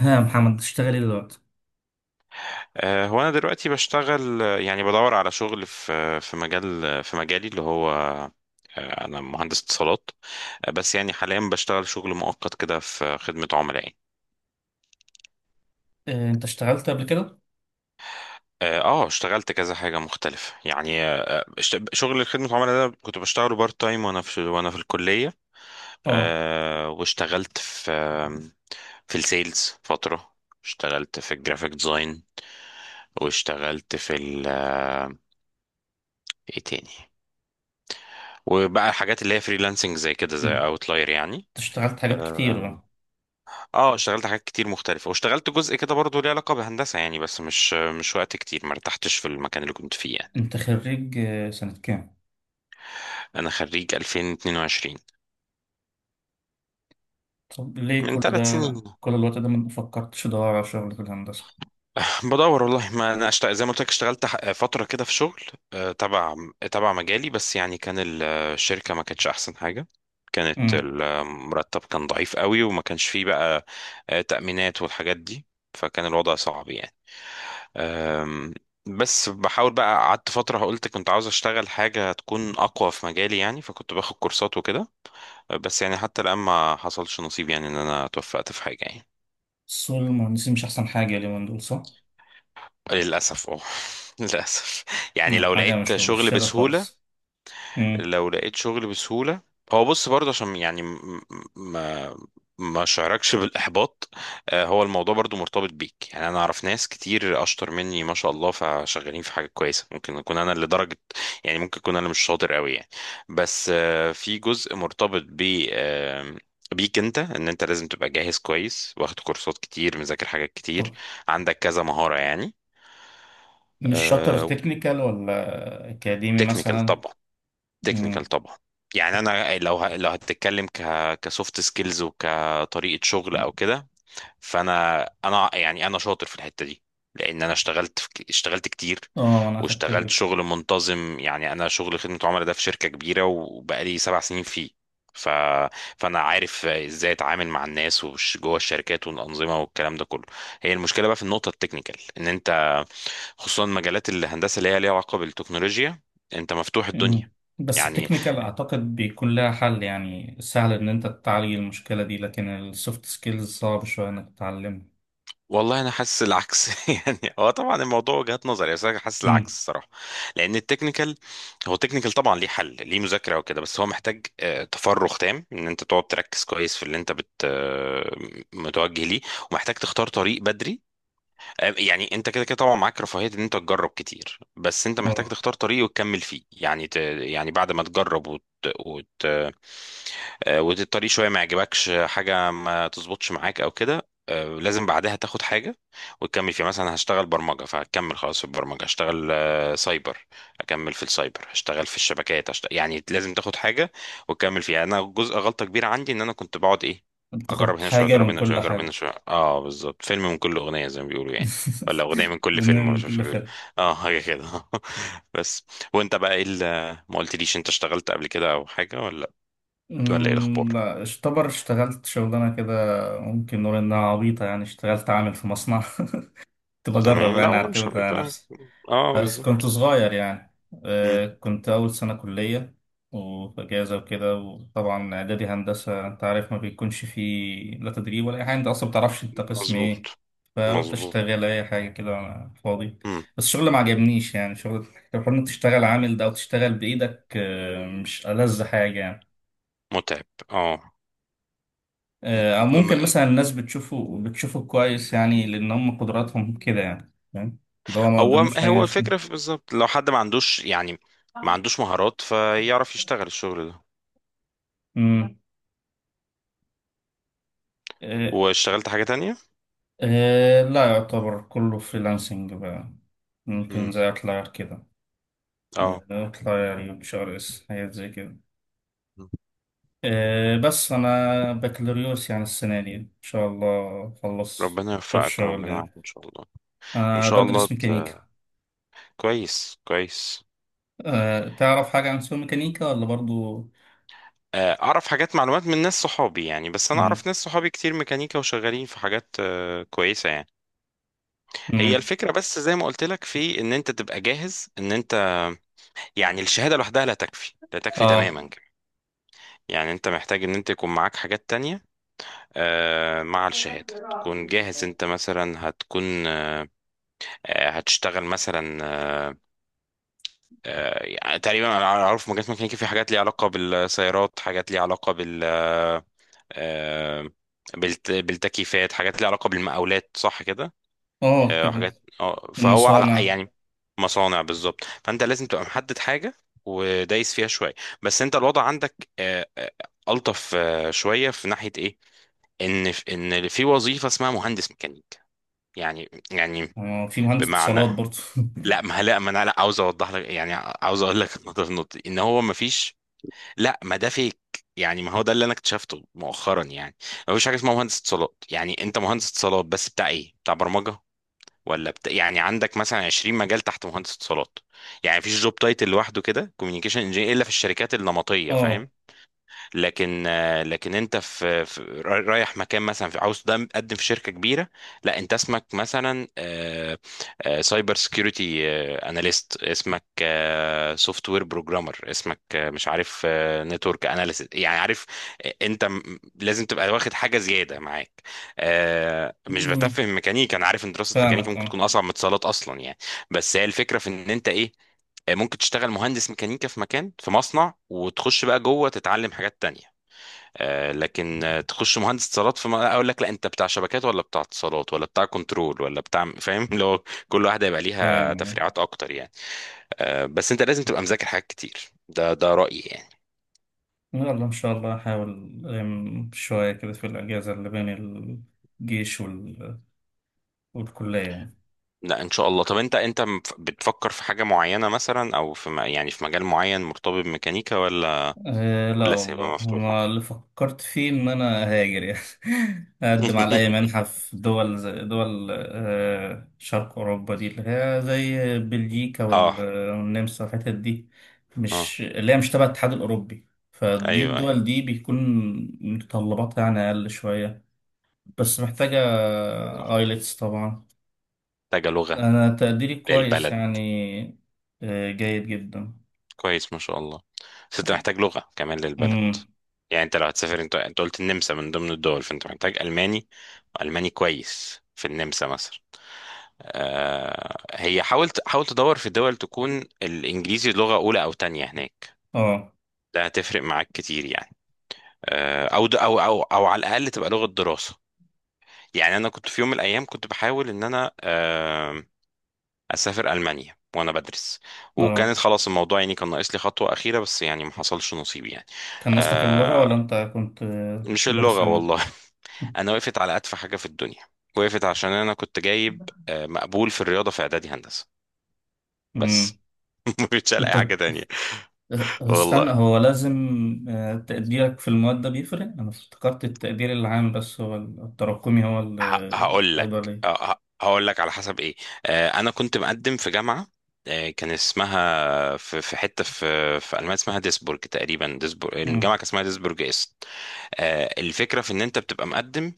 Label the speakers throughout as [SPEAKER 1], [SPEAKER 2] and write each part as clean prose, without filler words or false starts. [SPEAKER 1] ها يا محمد، بتشتغل ايه دلوقتي؟
[SPEAKER 2] هو انا دلوقتي بشتغل يعني بدور على شغل في مجال في مجالي اللي هو انا مهندس اتصالات. بس يعني حاليا بشتغل شغل مؤقت كده في خدمة عملاء يعني.
[SPEAKER 1] انت اشتغلت قبل كده؟
[SPEAKER 2] اشتغلت كذا حاجة مختلفة يعني شغل خدمة عملاء ده كنت بشتغله بارت تايم وانا في الكلية.
[SPEAKER 1] اه.
[SPEAKER 2] واشتغلت في في السيلز فترة، اشتغلت في الجرافيك ديزاين، واشتغلت في ال آه، ايه تاني، وبقى الحاجات اللي هي فريلانسنج زي كده
[SPEAKER 1] مم.
[SPEAKER 2] زي اوتلاير يعني.
[SPEAKER 1] انت اشتغلت حاجات
[SPEAKER 2] اه
[SPEAKER 1] كتير بقى.
[SPEAKER 2] اشتغلت حاجات كتير مختلفة، واشتغلت جزء كده برضه ليه علاقة بهندسة يعني، بس مش وقت كتير، ما ارتحتش في المكان اللي كنت فيه يعني.
[SPEAKER 1] انت خريج سنة كام؟
[SPEAKER 2] انا خريج 2022،
[SPEAKER 1] طب ليه
[SPEAKER 2] من
[SPEAKER 1] كل ده،
[SPEAKER 2] 3 سنين.
[SPEAKER 1] كل الوقت ده، ما فكرتش تدور على شغل في الهندسة؟
[SPEAKER 2] بدور والله، ما انا أشت... زي ما قلت لك اشتغلت فتره كده في شغل تبع تبع مجالي، بس يعني كان الشركه ما كانتش احسن حاجه، كانت
[SPEAKER 1] امم.
[SPEAKER 2] المرتب كان ضعيف قوي، وما كانش فيه بقى تأمينات والحاجات دي، فكان الوضع صعب يعني. آم، بس بحاول بقى، قعدت فتره قلت كنت عاوز اشتغل حاجه تكون اقوى في مجالي يعني، فكنت باخد كورسات وكده. بس يعني حتى الان ما حصلش نصيب يعني ان انا توفقت في حاجه يعني.
[SPEAKER 1] سوق المهندسين مش أحسن حاجة اليومين دول، صح؟
[SPEAKER 2] للأسف اه. للأسف، يعني
[SPEAKER 1] مم.
[SPEAKER 2] لو
[SPEAKER 1] حاجة
[SPEAKER 2] لقيت
[SPEAKER 1] مش
[SPEAKER 2] شغل
[SPEAKER 1] مبشرة
[SPEAKER 2] بسهولة.
[SPEAKER 1] خالص. امم.
[SPEAKER 2] لو لقيت شغل بسهولة، هو بص برضه عشان يعني ما شعركش بالإحباط. هو الموضوع برضه مرتبط بيك يعني، أنا أعرف ناس كتير أشطر مني ما شاء الله، فشغالين في حاجة كويسة، ممكن أكون أنا اللي درجة يعني، ممكن أكون أنا مش شاطر قوي يعني. بس في جزء مرتبط ب آه، بيك انت، ان انت لازم تبقى جاهز كويس، واخد كورسات كتير، مذاكر حاجات كتير،
[SPEAKER 1] طب
[SPEAKER 2] عندك كذا مهارة يعني.
[SPEAKER 1] مش شاطر تكنيكال ولا أكاديمي
[SPEAKER 2] تكنيكال
[SPEAKER 1] مثلا؟
[SPEAKER 2] طبعا. تكنيكال
[SPEAKER 1] امم.
[SPEAKER 2] طبعا. يعني انا لو ه... لو هتتكلم ك كسوفت سكيلز وكطريقه شغل او كده، فانا يعني انا شاطر في الحته دي، لان انا اشتغلت في... اشتغلت كتير،
[SPEAKER 1] اه، أنا أخدت
[SPEAKER 2] واشتغلت
[SPEAKER 1] بالي.
[SPEAKER 2] شغل منتظم يعني، انا شغل خدمه عملاء ده في شركه كبيره، وبقالي 7 سنين فيه. ف... فانا عارف ازاي اتعامل مع الناس وش جوه الشركات والانظمه والكلام ده كله. هي المشكله بقى في النقطه التكنيكال، ان انت خصوصا مجالات الهندسه اللي هي ليها علاقه بالتكنولوجيا، انت مفتوح الدنيا
[SPEAKER 1] مم. بس
[SPEAKER 2] يعني.
[SPEAKER 1] التكنيكال اعتقد بيكون لها حل يعني سهل ان انت تعالج المشكلة دي، لكن السوفت سكيلز صعب شوية انك تتعلمها.
[SPEAKER 2] والله انا حاسس العكس. يعني هو طبعا الموضوع وجهات نظر، بس انا حاسس العكس
[SPEAKER 1] امم.
[SPEAKER 2] الصراحه. لان التكنيكال، التكنيكال طبعا ليه حل، ليه مذاكره وكده، بس هو محتاج تفرغ تام ان انت تقعد تركز كويس في اللي انت بت متوجه ليه، ومحتاج تختار طريق بدري يعني. انت كده كده طبعا معاك رفاهية ان انت تجرب كتير، بس انت محتاج
[SPEAKER 1] اه.
[SPEAKER 2] تختار طريق وتكمل فيه يعني. ت... يعني بعد ما تجرب وت... وت... والطريق شوية ما يعجبكش حاجة، ما تظبطش معاك او كده، لازم بعدها تاخد حاجة وتكمل فيها، مثلا هشتغل برمجة فهكمل خلاص في البرمجة، هشتغل سايبر، اكمل في السايبر، هشتغل في الشبكات، هشتغل... يعني لازم تاخد حاجة وتكمل فيها. انا جزء غلطة كبيرة عندي، ان انا كنت بقعد ايه، اجرب
[SPEAKER 1] تاخد
[SPEAKER 2] هنا شويه،
[SPEAKER 1] حاجة
[SPEAKER 2] اجرب
[SPEAKER 1] من
[SPEAKER 2] هنا شويه،
[SPEAKER 1] كل
[SPEAKER 2] اجرب هنا
[SPEAKER 1] حاجة.
[SPEAKER 2] شويه. اه بالظبط، فيلم من كل اغنيه زي ما بيقولوا يعني. ولا أغنية من كل
[SPEAKER 1] جملة
[SPEAKER 2] فيلم، ولا
[SPEAKER 1] من
[SPEAKER 2] مش عارف إيه
[SPEAKER 1] كل
[SPEAKER 2] بيقول.
[SPEAKER 1] فرقة.
[SPEAKER 2] اه حاجة كده. بس، وانت بقى ايه اللي، ما قلتليش انت اشتغلت قبل كده او حاجة، ولا ولا ايه الأخبار.
[SPEAKER 1] لا اشتبر اشتغلت شغلانة كده. ممكن نقول انها عبيطة يعني، اشتغلت عامل في مصنع. كنت بجرب
[SPEAKER 2] تمام، لا
[SPEAKER 1] يعني
[SPEAKER 2] والله مش
[SPEAKER 1] اعتمد
[SPEAKER 2] عارف
[SPEAKER 1] على
[SPEAKER 2] بقى.
[SPEAKER 1] نفسي.
[SPEAKER 2] اه
[SPEAKER 1] بس كنت
[SPEAKER 2] بالظبط.
[SPEAKER 1] صغير يعني.
[SPEAKER 2] مم.
[SPEAKER 1] كنت أول سنة كلية وفي أجازة وكده، وطبعا إعدادي هندسة أنت عارف ما بيكونش فيه لا تدريب ولا أي حاجة، أنت أصلا بتعرفش أنت قسم إيه.
[SPEAKER 2] مظبوط.
[SPEAKER 1] فقلت
[SPEAKER 2] مظبوط.
[SPEAKER 1] أشتغل أي حاجة كده وأنا فاضي.
[SPEAKER 2] مم.
[SPEAKER 1] بس الشغل ما عجبنيش يعني، شغل حوار إنك تشتغل عامل ده أو تشتغل بإيدك مش ألذ حاجة يعني.
[SPEAKER 2] متعب اه.
[SPEAKER 1] أو
[SPEAKER 2] م-
[SPEAKER 1] ممكن مثلا الناس بتشوفه بتشوفه كويس يعني، لأن هم قدراتهم كده يعني، فاهم؟ ده هو ما
[SPEAKER 2] هو
[SPEAKER 1] قدموش
[SPEAKER 2] هو
[SPEAKER 1] حاجة.
[SPEAKER 2] الفكرة في- بالظبط لو حد ما عندوش يعني، ما عندوش مهارات فيعرف يشتغل الشغل ده.
[SPEAKER 1] مم. آه.
[SPEAKER 2] واشتغلت حاجة تانية.
[SPEAKER 1] لا يعتبر كله فريلانسنج بقى. ممكن
[SPEAKER 2] مم.
[SPEAKER 1] زي أطلع كده.
[SPEAKER 2] اه.
[SPEAKER 1] أطلع يعني شهر اس حاجات زي كده. بس أنا بكالوريوس يعني السنة دي إن شاء الله أخلص
[SPEAKER 2] ربنا
[SPEAKER 1] في
[SPEAKER 2] يوفقك،
[SPEAKER 1] الشغل
[SPEAKER 2] ربنا
[SPEAKER 1] يعني.
[SPEAKER 2] يعافيك ان شاء الله. ان
[SPEAKER 1] أنا
[SPEAKER 2] شاء الله
[SPEAKER 1] بدرس
[SPEAKER 2] ت...
[SPEAKER 1] ميكانيكا.
[SPEAKER 2] كويس كويس.
[SPEAKER 1] تعرف حاجة عن سوق ميكانيكا ولا برضو؟
[SPEAKER 2] اعرف حاجات معلومات من ناس صحابي يعني، بس انا
[SPEAKER 1] مم.
[SPEAKER 2] اعرف ناس صحابي كتير ميكانيكا وشغالين في حاجات كويسه يعني. هي
[SPEAKER 1] مم.
[SPEAKER 2] الفكره بس زي ما قلت لك، في ان انت تبقى جاهز، ان انت يعني الشهاده لوحدها لا تكفي، تماما
[SPEAKER 1] آه،
[SPEAKER 2] كمان. يعني انت محتاج ان انت يكون معاك حاجات تانية مع الشهاده، تكون جاهز. انت مثلا هتكون هتشتغل مثلا يعني تقريبا، انا اعرف مجالات ميكانيكا، في حاجات ليها علاقه بالسيارات، حاجات ليها علاقه بالموتوسيكلات، آه، بالتكييفات، حاجات ليها علاقة بالمقاولات، صح كده،
[SPEAKER 1] آه، كده.
[SPEAKER 2] حاجات اه فهو على
[SPEAKER 1] المصانع.
[SPEAKER 2] يعني مصانع بالظبط. فانت لازم تبقى محدد حاجة، ودايس فيها شوية. بس انت الوضع عندك ألطف شوية في ناحية ايه، ان في وظيفة اسمها مهندس ميكانيك يعني يعني
[SPEAKER 1] في مهندس
[SPEAKER 2] بمعنى.
[SPEAKER 1] اتصالات برضو.
[SPEAKER 2] لا ما لا ما انا لا عاوز اوضح لك يعني، عاوز اقول لك النقطة في النقطة دي، ان هو ما فيش، لا ما ده فيك. يعني ما هو ده اللي انا اكتشفته مؤخرا يعني، ما فيش حاجه اسمها مهندس اتصالات. يعني انت مهندس اتصالات، بس بتاع ايه؟ بتاع برمجه ولا بتا... يعني عندك مثلا 20 مجال تحت مهندس اتصالات. يعني مفيش جوب تايتل لوحده كده كوميونيكيشن انجينير، الا في الشركات النمطيه،
[SPEAKER 1] آه.
[SPEAKER 2] فاهم. لكن انت في, في رايح مكان مثلا، في عاوز تقدم في شركه كبيره، لا انت اسمك مثلا سايبر سكيورتي اناليست، اسمك سوفت وير بروجرامر، اسمك مش عارف نتورك اناليست يعني، عارف. آه، انت م- لازم تبقى واخد حاجه زياده معاك. مش
[SPEAKER 1] مم.
[SPEAKER 2] بتفهم ميكانيكا، انا عارف ان دراسه ميكانيكا
[SPEAKER 1] فاهمك
[SPEAKER 2] ممكن
[SPEAKER 1] آه
[SPEAKER 2] تكون اصعب من اتصالات اصلا يعني. بس هي الفكره في ان انت ايه، ممكن تشتغل مهندس ميكانيكا في مكان في مصنع، وتخش بقى جوه تتعلم حاجات تانية. لكن تخش مهندس اتصالات في اقول لك لا انت بتاع شبكات، ولا بتاع اتصالات، ولا بتاع كنترول، ولا بتاع فاهم لو كل واحده يبقى ليها
[SPEAKER 1] تمام.
[SPEAKER 2] تفريعات اكتر يعني. بس انت لازم تبقى مذاكر حاجات كتير، ده رايي يعني.
[SPEAKER 1] يلا إن شاء الله هحاول. ألم شوية كده في الأجازة اللي بين الجيش والكلية يعني.
[SPEAKER 2] لا ان شاء الله. طب انت انت بتفكر في حاجه معينه مثلا، او في يعني في مجال معين مرتبط بميكانيكا، ولا
[SPEAKER 1] أه، لا
[SPEAKER 2] ولا
[SPEAKER 1] والله
[SPEAKER 2] سايبها مفتوحه.
[SPEAKER 1] أنا اللي فكرت فيه إن أنا أهاجر يعني. أقدم على أي منحة في دول زي دول شرق أوروبا دي اللي هي زي بلجيكا
[SPEAKER 2] اه.
[SPEAKER 1] والنمسا والحتت دي،
[SPEAKER 2] اه
[SPEAKER 1] مش اللي هي مش تبع الاتحاد الأوروبي. فدي
[SPEAKER 2] ايوه ايوه.
[SPEAKER 1] الدول دي بيكون متطلباتها يعني أقل شوية. بس محتاجة
[SPEAKER 2] صح.
[SPEAKER 1] آيلتس طبعا.
[SPEAKER 2] محتاجه لغه
[SPEAKER 1] أنا تقديري كويس
[SPEAKER 2] للبلد.
[SPEAKER 1] يعني. جيد جدا.
[SPEAKER 2] كويس ما شاء الله. بس انت محتاج لغة كمان للبلد،
[SPEAKER 1] امم.
[SPEAKER 2] يعني انت لو هتسافر، انت انت قلت النمسا من ضمن الدول، فانت محتاج ألماني. ألماني كويس في النمسا مثلا. آه، هي حاولت، حاول تدور في دول تكون الإنجليزي لغة أولى أو تانية هناك،
[SPEAKER 1] اه.
[SPEAKER 2] ده هتفرق معاك كتير يعني. آه أو د- أو أو أو على الأقل تبقى لغة دراسة. يعني أنا كنت في يوم من الأيام كنت بحاول إن أنا اسافر المانيا وانا بدرس،
[SPEAKER 1] اه.
[SPEAKER 2] وكانت خلاص الموضوع يعني كان ناقص لي خطوه اخيره، بس يعني ما حصلش نصيب يعني.
[SPEAKER 1] كان أصلك اللغة،
[SPEAKER 2] آه
[SPEAKER 1] ولا أنت كنت
[SPEAKER 2] مش
[SPEAKER 1] مدرس
[SPEAKER 2] اللغه
[SPEAKER 1] أجنبي؟
[SPEAKER 2] والله. انا وقفت على اتفه حاجه في الدنيا، وقفت عشان انا كنت جايب مقبول في الرياضه في اعدادي هندسه بس.
[SPEAKER 1] امم.
[SPEAKER 2] ما كنتش الاقي
[SPEAKER 1] أنت.
[SPEAKER 2] حاجه تانية. والله
[SPEAKER 1] استنى هو لازم تقديرك في المواد ده بيفرق؟ أنا افتكرت التقدير العام، بس هو التراكمي هو اللي
[SPEAKER 2] هقول
[SPEAKER 1] بياخدوا
[SPEAKER 2] لك،
[SPEAKER 1] عليه.
[SPEAKER 2] هقول لك على حسب ايه. انا كنت مقدم في جامعه، كان اسمها في في حته في في المانيا اسمها ديسبورج تقريبا، ديسبورج،
[SPEAKER 1] امم.
[SPEAKER 2] الجامعه كان اسمها ديسبورج است. الفكره في ان انت بتبقى مقدم،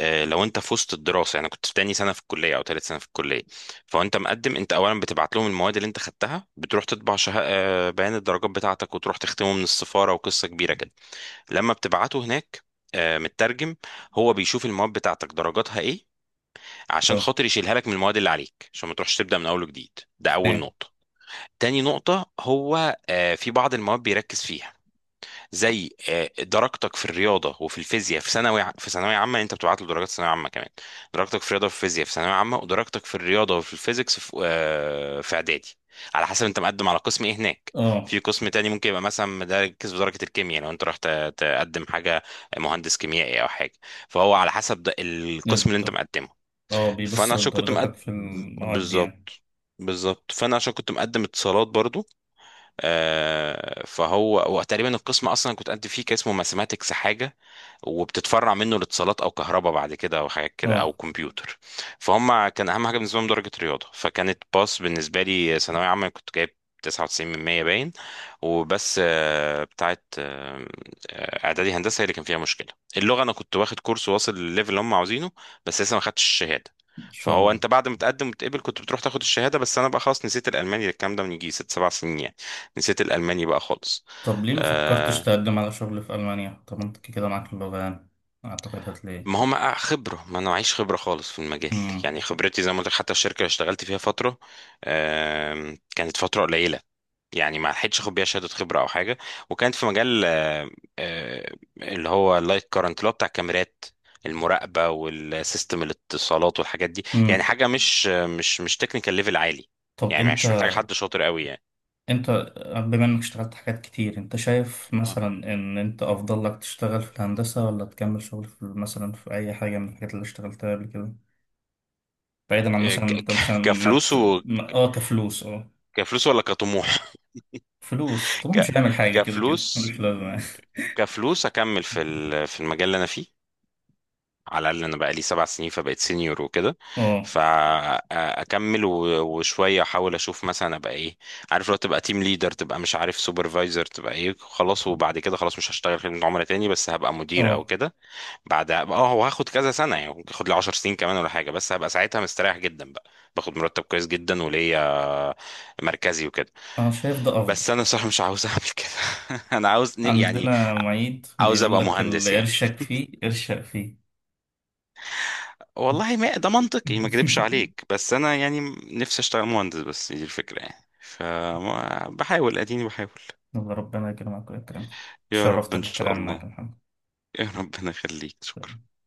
[SPEAKER 2] لو انت في وسط الدراسه يعني كنت في تاني سنه في الكليه، او تالت سنه في الكليه، فانت مقدم. انت اولا بتبعت لهم المواد اللي انت خدتها، بتروح تطبع شه... بيان الدرجات بتاعتك، وتروح تختمه من السفاره، وقصه كبيره كده، لما بتبعته هناك مترجم. هو بيشوف المواد بتاعتك درجاتها ايه، عشان
[SPEAKER 1] اه.
[SPEAKER 2] خاطر يشيلها لك من المواد اللي عليك، عشان ما تروحش تبدا من اول وجديد. ده اول
[SPEAKER 1] فاهم.
[SPEAKER 2] نقطه. تاني نقطه، هو في بعض المواد بيركز فيها، زي درجتك في الرياضه وفي الفيزياء في ثانوي في ثانويه عامه. انت بتبعت له درجات ثانويه عامه كمان، درجتك في الرياضه وفي الفيزياء في ثانويه عامه، ودرجتك في الرياضه وفي الفيزيكس في في اعدادي، على حسب انت مقدم على قسم ايه هناك.
[SPEAKER 1] اه.
[SPEAKER 2] في قسم تاني ممكن يبقى مثلا مركز في درجه الكيمياء، لو انت رحت تقدم حاجه مهندس كيميائي او حاجه، فهو على حسب ده القسم اللي انت
[SPEAKER 1] بالضبط.
[SPEAKER 2] مقدمه.
[SPEAKER 1] اه،
[SPEAKER 2] فانا
[SPEAKER 1] بيبص
[SPEAKER 2] عشان كنت
[SPEAKER 1] لدرجاتك
[SPEAKER 2] مقدم
[SPEAKER 1] في المواد دي يعني.
[SPEAKER 2] بالظبط. بالظبط، فانا عشان كنت مقدم اتصالات برضو، آه فهو وتقريبا القسم اصلا كنت قد فيه كان اسمه ماثيماتكس حاجه، وبتتفرع منه الاتصالات او كهرباء بعد كده، او حاجات كده، او
[SPEAKER 1] اه.
[SPEAKER 2] كمبيوتر. فهم كان اهم حاجه بالنسبه لهم درجه رياضه، فكانت باس بالنسبه لي. ثانويه عامه كنت جايب 99 من 100 باين، وبس آه، بتاعت آه، آه، اعدادي هندسه هي اللي كان فيها مشكله. اللغه انا كنت واخد كورس واصل للليفل اللي هم عاوزينه، بس لسه ما خدتش الشهاده.
[SPEAKER 1] إن شاء
[SPEAKER 2] فهو
[SPEAKER 1] الله.
[SPEAKER 2] انت بعد ما تقدم وتقبل كنت بتروح تاخد الشهاده، بس انا بقى خلاص نسيت الالماني، الكلام ده من يجي 6 7 سنين يعني، نسيت الالماني بقى خالص.
[SPEAKER 1] طب ليه ما فكرتش
[SPEAKER 2] آه،
[SPEAKER 1] تقدم على شغل في ألمانيا؟ طب انت كده معاك اللغة يعني، أعتقد هتلاقي.
[SPEAKER 2] ما هو ما آه، خبرة ما انا معيش خبرة خالص في المجال.
[SPEAKER 1] مم.
[SPEAKER 2] يعني خبرتي زي ما قلت لك، حتى الشركة اللي اشتغلت فيها فترة كانت فترة قليلة، يعني ما لحقتش اخد بيها شهادة خبرة او حاجة. وكانت في مجال اللي هو اللايت كارنت اللي هو بتاع الكاميرات المراقبة والسيستم الاتصالات والحاجات دي، يعني
[SPEAKER 1] مم.
[SPEAKER 2] حاجة مش تكنيكال ليفل عالي،
[SPEAKER 1] طب
[SPEAKER 2] يعني
[SPEAKER 1] انت
[SPEAKER 2] مش محتاج حد شاطر قوي يعني.
[SPEAKER 1] انت بما انك اشتغلت حاجات كتير، انت شايف
[SPEAKER 2] اه
[SPEAKER 1] مثلا ان انت أفضل لك تشتغل في الهندسة ولا تكمل شغل في مثلا في أي حاجة من الحاجات اللي اشتغلتها قبل كده؟ بعيدا عن مثلا
[SPEAKER 2] ك-
[SPEAKER 1] انت
[SPEAKER 2] ك-
[SPEAKER 1] مثلا ما,
[SPEAKER 2] كفلوس
[SPEAKER 1] ت...
[SPEAKER 2] و...
[SPEAKER 1] ما... اه كفلوس اه
[SPEAKER 2] كفلوس ولا كطموح.
[SPEAKER 1] فلوس طبعا مش
[SPEAKER 2] ك...
[SPEAKER 1] هنعمل حاجة كده كده،
[SPEAKER 2] كفلوس.
[SPEAKER 1] مش لازم.
[SPEAKER 2] كفلوس اكمل في في المجال اللي انا فيه، على الاقل انا بقى لي 7 سنين فبقيت سينيور وكده،
[SPEAKER 1] اه.
[SPEAKER 2] فاكمل وشويه احاول اشوف مثلا ابقى ايه، عارف لو تبقى تيم ليدر، تبقى مش عارف سوبرفايزر، تبقى ايه خلاص، وبعد كده خلاص مش هشتغل خدمه عملاء تاني، بس هبقى مدير او
[SPEAKER 1] اه.
[SPEAKER 2] كده. بعدها اه، هو هاخد كذا سنه يعني، ممكن اخد لي 10 سنين كمان ولا حاجه، بس هبقى ساعتها مستريح جدا بقى، باخد مرتب كويس جدا وليا مركزي وكده.
[SPEAKER 1] انا شايف ده افضل.
[SPEAKER 2] بس انا صراحه مش عاوز اعمل كده. انا عاوز يعني
[SPEAKER 1] عندنا معيد
[SPEAKER 2] عاوز
[SPEAKER 1] بيقول
[SPEAKER 2] ابقى
[SPEAKER 1] لك
[SPEAKER 2] مهندس
[SPEAKER 1] اللي
[SPEAKER 2] يعني.
[SPEAKER 1] قرشك فيه ارشق فيه.
[SPEAKER 2] والله ما ده منطقي، ما اكذبش عليك، بس انا يعني نفسي اشتغل مهندس، بس دي الفكره يعني، فبحاول اديني بحاول.
[SPEAKER 1] الله، ربنا يكرمك ويكرمك.
[SPEAKER 2] يا رب
[SPEAKER 1] تشرفت
[SPEAKER 2] ان شاء
[SPEAKER 1] بالكلام معك يا
[SPEAKER 2] الله.
[SPEAKER 1] محمد.
[SPEAKER 2] يا ربنا يخليك شكرا.